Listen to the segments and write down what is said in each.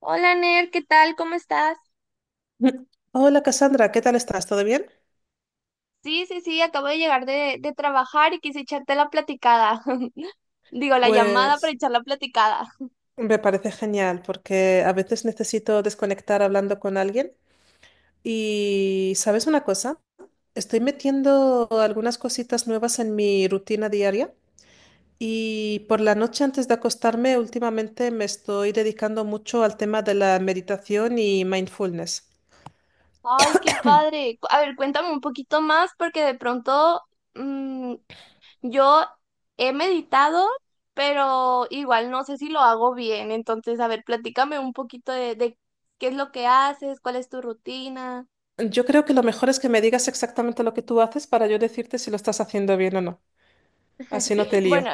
Hola Ner, ¿qué tal? ¿Cómo estás? Hola Cassandra, ¿qué tal estás? ¿Todo bien? Sí, acabo de llegar de trabajar y quise echarte la platicada. Digo, la llamada para Pues echar la platicada. me parece genial porque a veces necesito desconectar hablando con alguien. Y ¿sabes una cosa? Estoy metiendo algunas cositas nuevas en mi rutina diaria y por la noche antes de acostarme últimamente me estoy dedicando mucho al tema de la meditación y mindfulness. Ay, qué padre. A ver, cuéntame un poquito más porque de pronto mm, yo he meditado, pero igual no sé si lo hago bien. Entonces, a ver, platícame un poquito de qué es lo que haces, cuál es tu rutina. Yo creo que lo mejor es que me digas exactamente lo que tú haces para yo decirte si lo estás haciendo bien o no. Así no te lío. Bueno,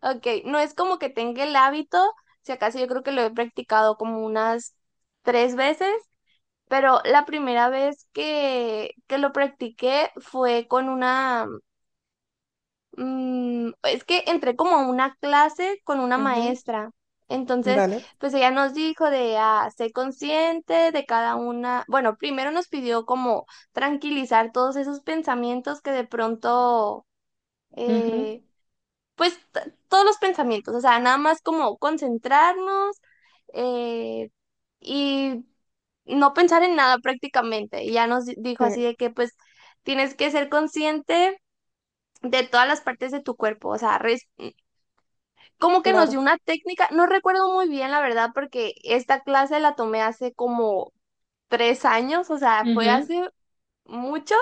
ok, no es como que tenga el hábito, si acaso yo creo que lo he practicado como unas tres veces, pero la primera vez que lo practiqué fue con una, es que entré como a una clase con una Ujú. maestra. Entonces, Vale. pues ella nos dijo de, ah, sé consciente de cada una, bueno, primero nos pidió como tranquilizar todos esos pensamientos que de pronto... Ujú. eh, pues todos los pensamientos, o sea, nada más como concentrarnos eh, y no pensar en nada prácticamente. Y ya nos dijo Sí, así de que pues tienes que ser consciente de todas las partes de tu cuerpo, o sea, como que nos dio claro. una técnica, no recuerdo muy bien la verdad porque esta clase la tomé hace como 3 años, o sea, fue Ujú. hace mucho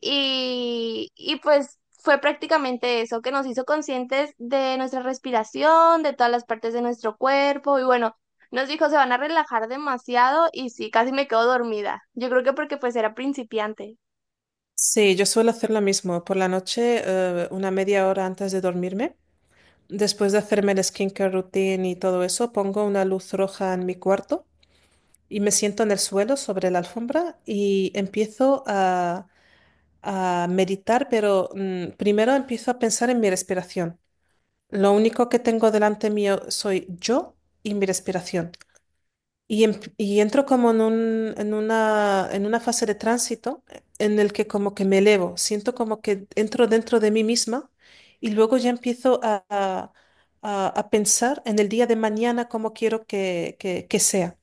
y pues fue prácticamente eso, que nos hizo conscientes de nuestra respiración, de todas las partes de nuestro cuerpo. Y bueno, nos dijo, se van a relajar demasiado y sí, casi me quedo dormida. Yo creo que porque pues era principiante. Sí, yo suelo hacer lo mismo. Por la noche, una media hora antes de dormirme, después de hacerme el skincare routine y todo eso, pongo una luz roja en mi cuarto y me siento en el suelo sobre la alfombra y empiezo a meditar, pero primero empiezo a pensar en mi respiración. Lo único que tengo delante mío soy yo y mi respiración. Y y entro como en un- en una fase de tránsito en el que como que me elevo, siento como que entro dentro de mí misma y luego ya empiezo a pensar en el día de mañana cómo quiero que que sea.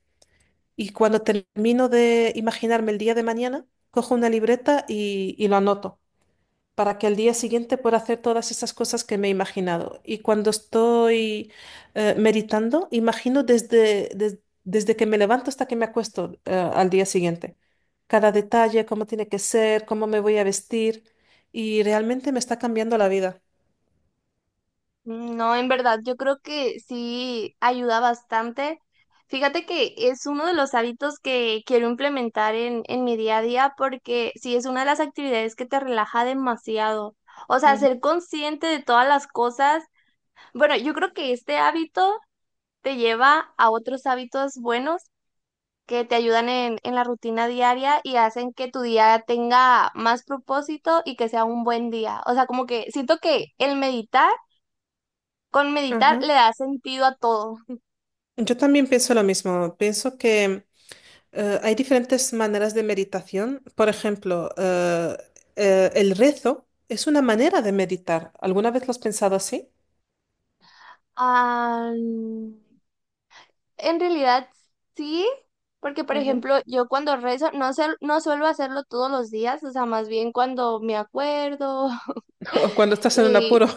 Y cuando termino de imaginarme el día de mañana, cojo una libreta y lo anoto para que al día siguiente pueda hacer todas esas cosas que me he imaginado. Y cuando estoy meditando, imagino desde, desde que me levanto hasta que me acuesto, al día siguiente. Cada detalle, cómo tiene que ser, cómo me voy a vestir. Y realmente me está cambiando la vida. Mm, no, en verdad, yo creo que sí ayuda bastante. Fíjate que es uno de los hábitos que quiero implementar en mi día a día porque sí es una de las actividades que te relaja demasiado. O sea, Ujú. ser consciente de todas las cosas. Bueno, yo creo que este hábito te lleva a otros hábitos buenos que te ayudan en la rutina diaria y hacen que tu día tenga más propósito y que sea un buen día. O sea, como que siento que el meditar, con meditar Ajá. le da sentido a todo. Yo también pienso lo mismo. Hay diferentes maneras de meditación. Por ejemplo, el rezo es una manera de meditar. ¿Alguna vez lo has pensado así? Ah, en realidad sí, porque por Ujú. ejemplo, yo cuando rezo no, no suelo hacerlo todos los días, o sea, más bien cuando me acuerdo. O cuando estás en un Y apuro.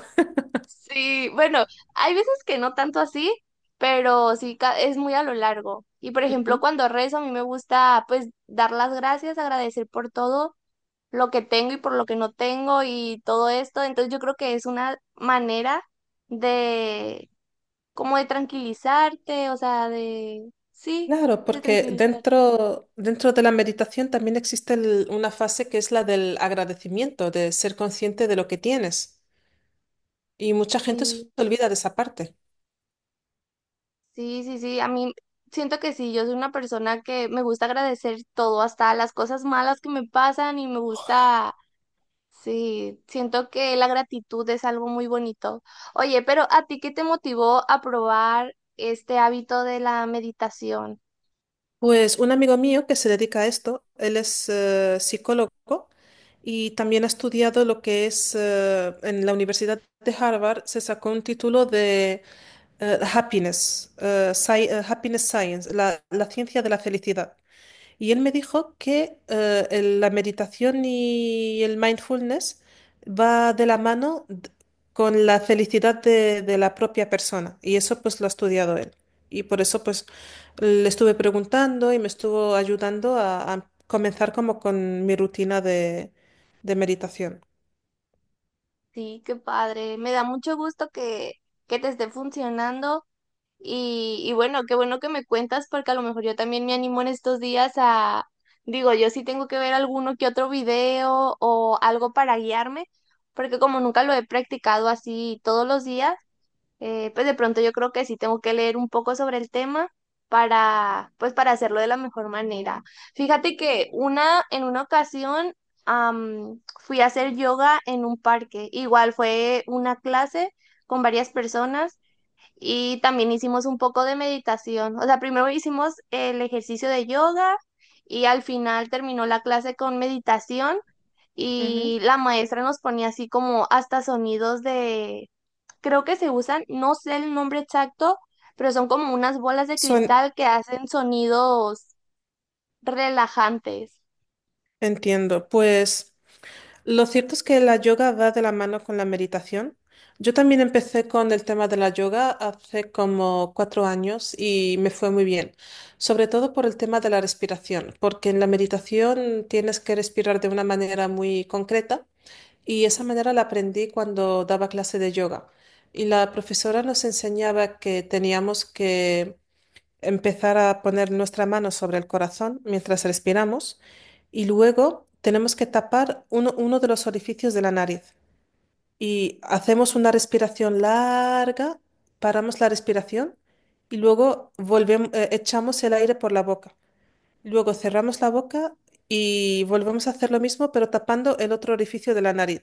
sí, bueno, hay veces que no tanto así, pero sí es muy a lo largo. Y por ejemplo, Ujú. cuando rezo, a mí me gusta pues dar las gracias, agradecer por todo lo que tengo y por lo que no tengo y todo esto. Entonces yo creo que es una manera de como de tranquilizarte, o sea, de sí, Claro, de porque tranquilizar. dentro de la meditación también existe una fase que es la del agradecimiento, de ser consciente de lo que tienes. Y mucha gente se Sí, olvida de esa parte. sí, sí, sí. A mí siento que sí, yo soy una persona que me gusta agradecer todo, hasta las cosas malas que me pasan y me gusta. Sí, siento que la gratitud es algo muy bonito. Oye, pero ¿a ti qué te motivó a probar este hábito de la meditación? Pues un amigo mío que se dedica a esto, él es psicólogo y también ha estudiado lo que es, en la Universidad de Harvard, se sacó un título de Happiness, Happiness Science, la ciencia de la felicidad. Y él me dijo que la meditación y el mindfulness va de la mano con la felicidad de la propia persona. Y eso pues lo ha estudiado él. Y por eso pues le estuve preguntando y me estuvo ayudando a comenzar como con mi rutina de meditación. Sí, qué padre. Me da mucho gusto que te esté funcionando y bueno, qué bueno que me cuentas porque a lo mejor yo también me animo en estos días a, digo, yo sí tengo que ver alguno que otro video o algo para guiarme, porque como nunca lo he practicado así todos los días. Pues de pronto yo creo que sí tengo que leer un poco sobre el tema para, pues para hacerlo de la mejor manera. Fíjate que una, en una ocasión fui a hacer yoga en un parque. Igual fue una clase con varias personas y también hicimos un poco de meditación. O sea, primero hicimos el ejercicio de yoga y al final terminó la clase con meditación Ujú. y la maestra nos ponía así como hasta sonidos, creo que se usan, no sé el nombre exacto, pero son como unas bolas de Suen- cristal que hacen sonidos relajantes. Entiendo. Pues, lo cierto es que la yoga va de la mano con la meditación. Yo también empecé con el tema de la yoga hace como 4 años y me fue muy bien, sobre todo por el tema de la respiración, porque en la meditación tienes que respirar de una manera muy concreta y esa manera la aprendí cuando daba clase de yoga. Y la profesora nos enseñaba que teníamos que empezar a poner nuestra mano sobre el corazón mientras respiramos y luego tenemos que tapar uno de los orificios de la nariz. Y hacemos una respiración larga, paramos la respiración y luego volvemos, echamos el aire por la boca. Luego cerramos la boca y volvemos a hacer lo mismo, pero tapando el otro orificio de la nariz.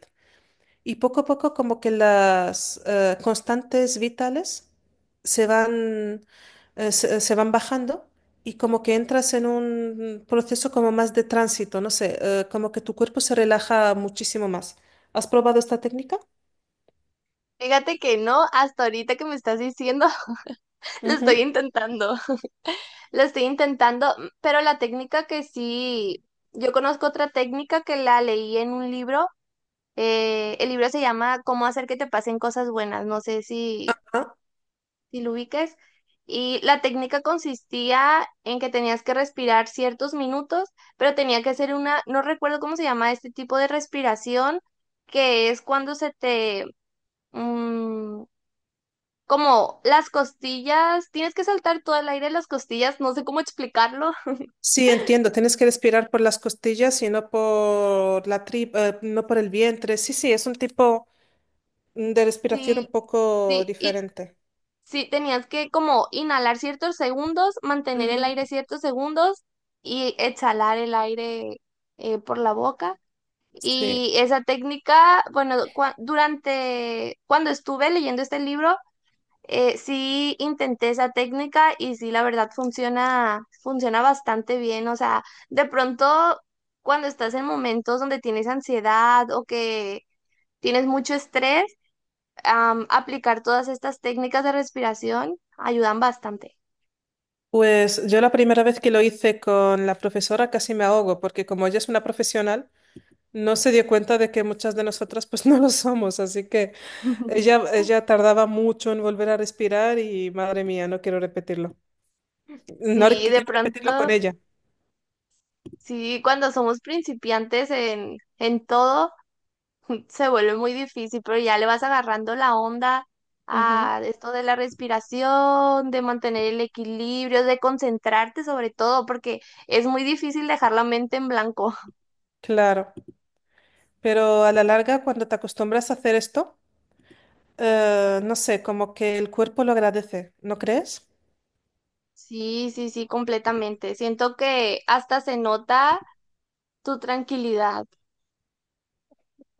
Y poco a poco como que las constantes vitales se van, se van bajando y como que entras en un proceso como más de tránsito, no sé, como que tu cuerpo se relaja muchísimo más. ¿Has probado esta técnica? Fíjate que no, hasta ahorita que me estás diciendo, lo estoy Ujú. intentando, lo estoy intentando, pero la técnica que sí, yo conozco otra técnica que la leí en un libro, el libro se llama Cómo hacer que te pasen cosas buenas, no sé si Ah, si lo ubiques. Y la técnica consistía en que tenías que respirar ciertos minutos, pero tenía que ser una, no recuerdo cómo se llama este tipo de respiración, que es cuando se te, mm, como las costillas, tienes que saltar todo el aire de las costillas, no sé cómo explicarlo. sí, entiendo, tienes que respirar por las costillas y no por la tripa, no por el vientre. Sí, sí, es un tipo de respiración un Sí, poco sí, y diferente. sí, tenías que como inhalar ciertos segundos, mantener el Ujú. aire ciertos segundos y exhalar el aire por la boca. Sí. Y esa técnica, bueno, durante cuando estuve leyendo este libro, sí intenté esa técnica y sí, la verdad funciona, funciona bastante bien. O sea, de pronto cuando estás en momentos donde tienes ansiedad o que tienes mucho estrés, aplicar todas estas técnicas de respiración ayudan bastante. Pues yo la primera vez que lo hice con la profesora casi me ahogo, porque como ella es una profesional, no se dio cuenta de que muchas de nosotras pues no lo somos, así que ella tardaba mucho en volver a respirar y madre mía, no quiero repetirlo. No Sí, de quiero repetirlo con pronto, ella. sí, cuando somos principiantes en todo se vuelve muy difícil, pero ya le vas agarrando la onda Ujú. a esto de la respiración, de mantener el equilibrio, de concentrarte sobre todo, porque es muy difícil dejar la mente en blanco. Claro, pero a la larga cuando te acostumbras a hacer esto, no sé, como que el cuerpo lo agradece, ¿no crees? Sí, sí, sí, completamente. Siento que hasta se nota tu tranquilidad.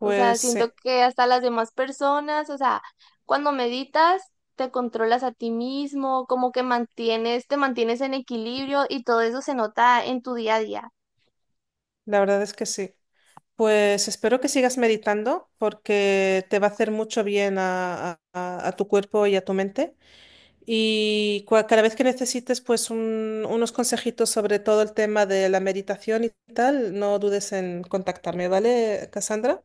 O sea, siento sí, que hasta las demás personas, o sea, cuando meditas, te controlas a ti mismo, como que mantienes, te mantienes en equilibrio y todo eso se nota en tu día a día. la verdad es que sí. Pues espero que sigas meditando porque te va a hacer mucho bien a tu cuerpo y a tu mente. Y cada vez que necesites pues unos consejitos sobre todo el tema de la meditación y tal, no dudes en contactarme, ¿vale, Cassandra?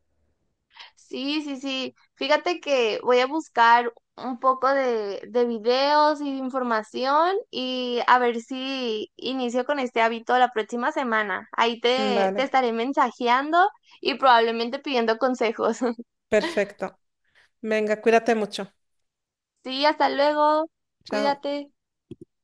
Sí, sí, sí. Fíjate que voy a buscar un poco de videos y de información y a ver si inicio con este hábito la próxima semana. Ahí Mm, te vale, estaré mensajeando y probablemente pidiendo consejos. perfecto. Venga, cuídate mucho. Sí, hasta luego. Chao. Cuídate.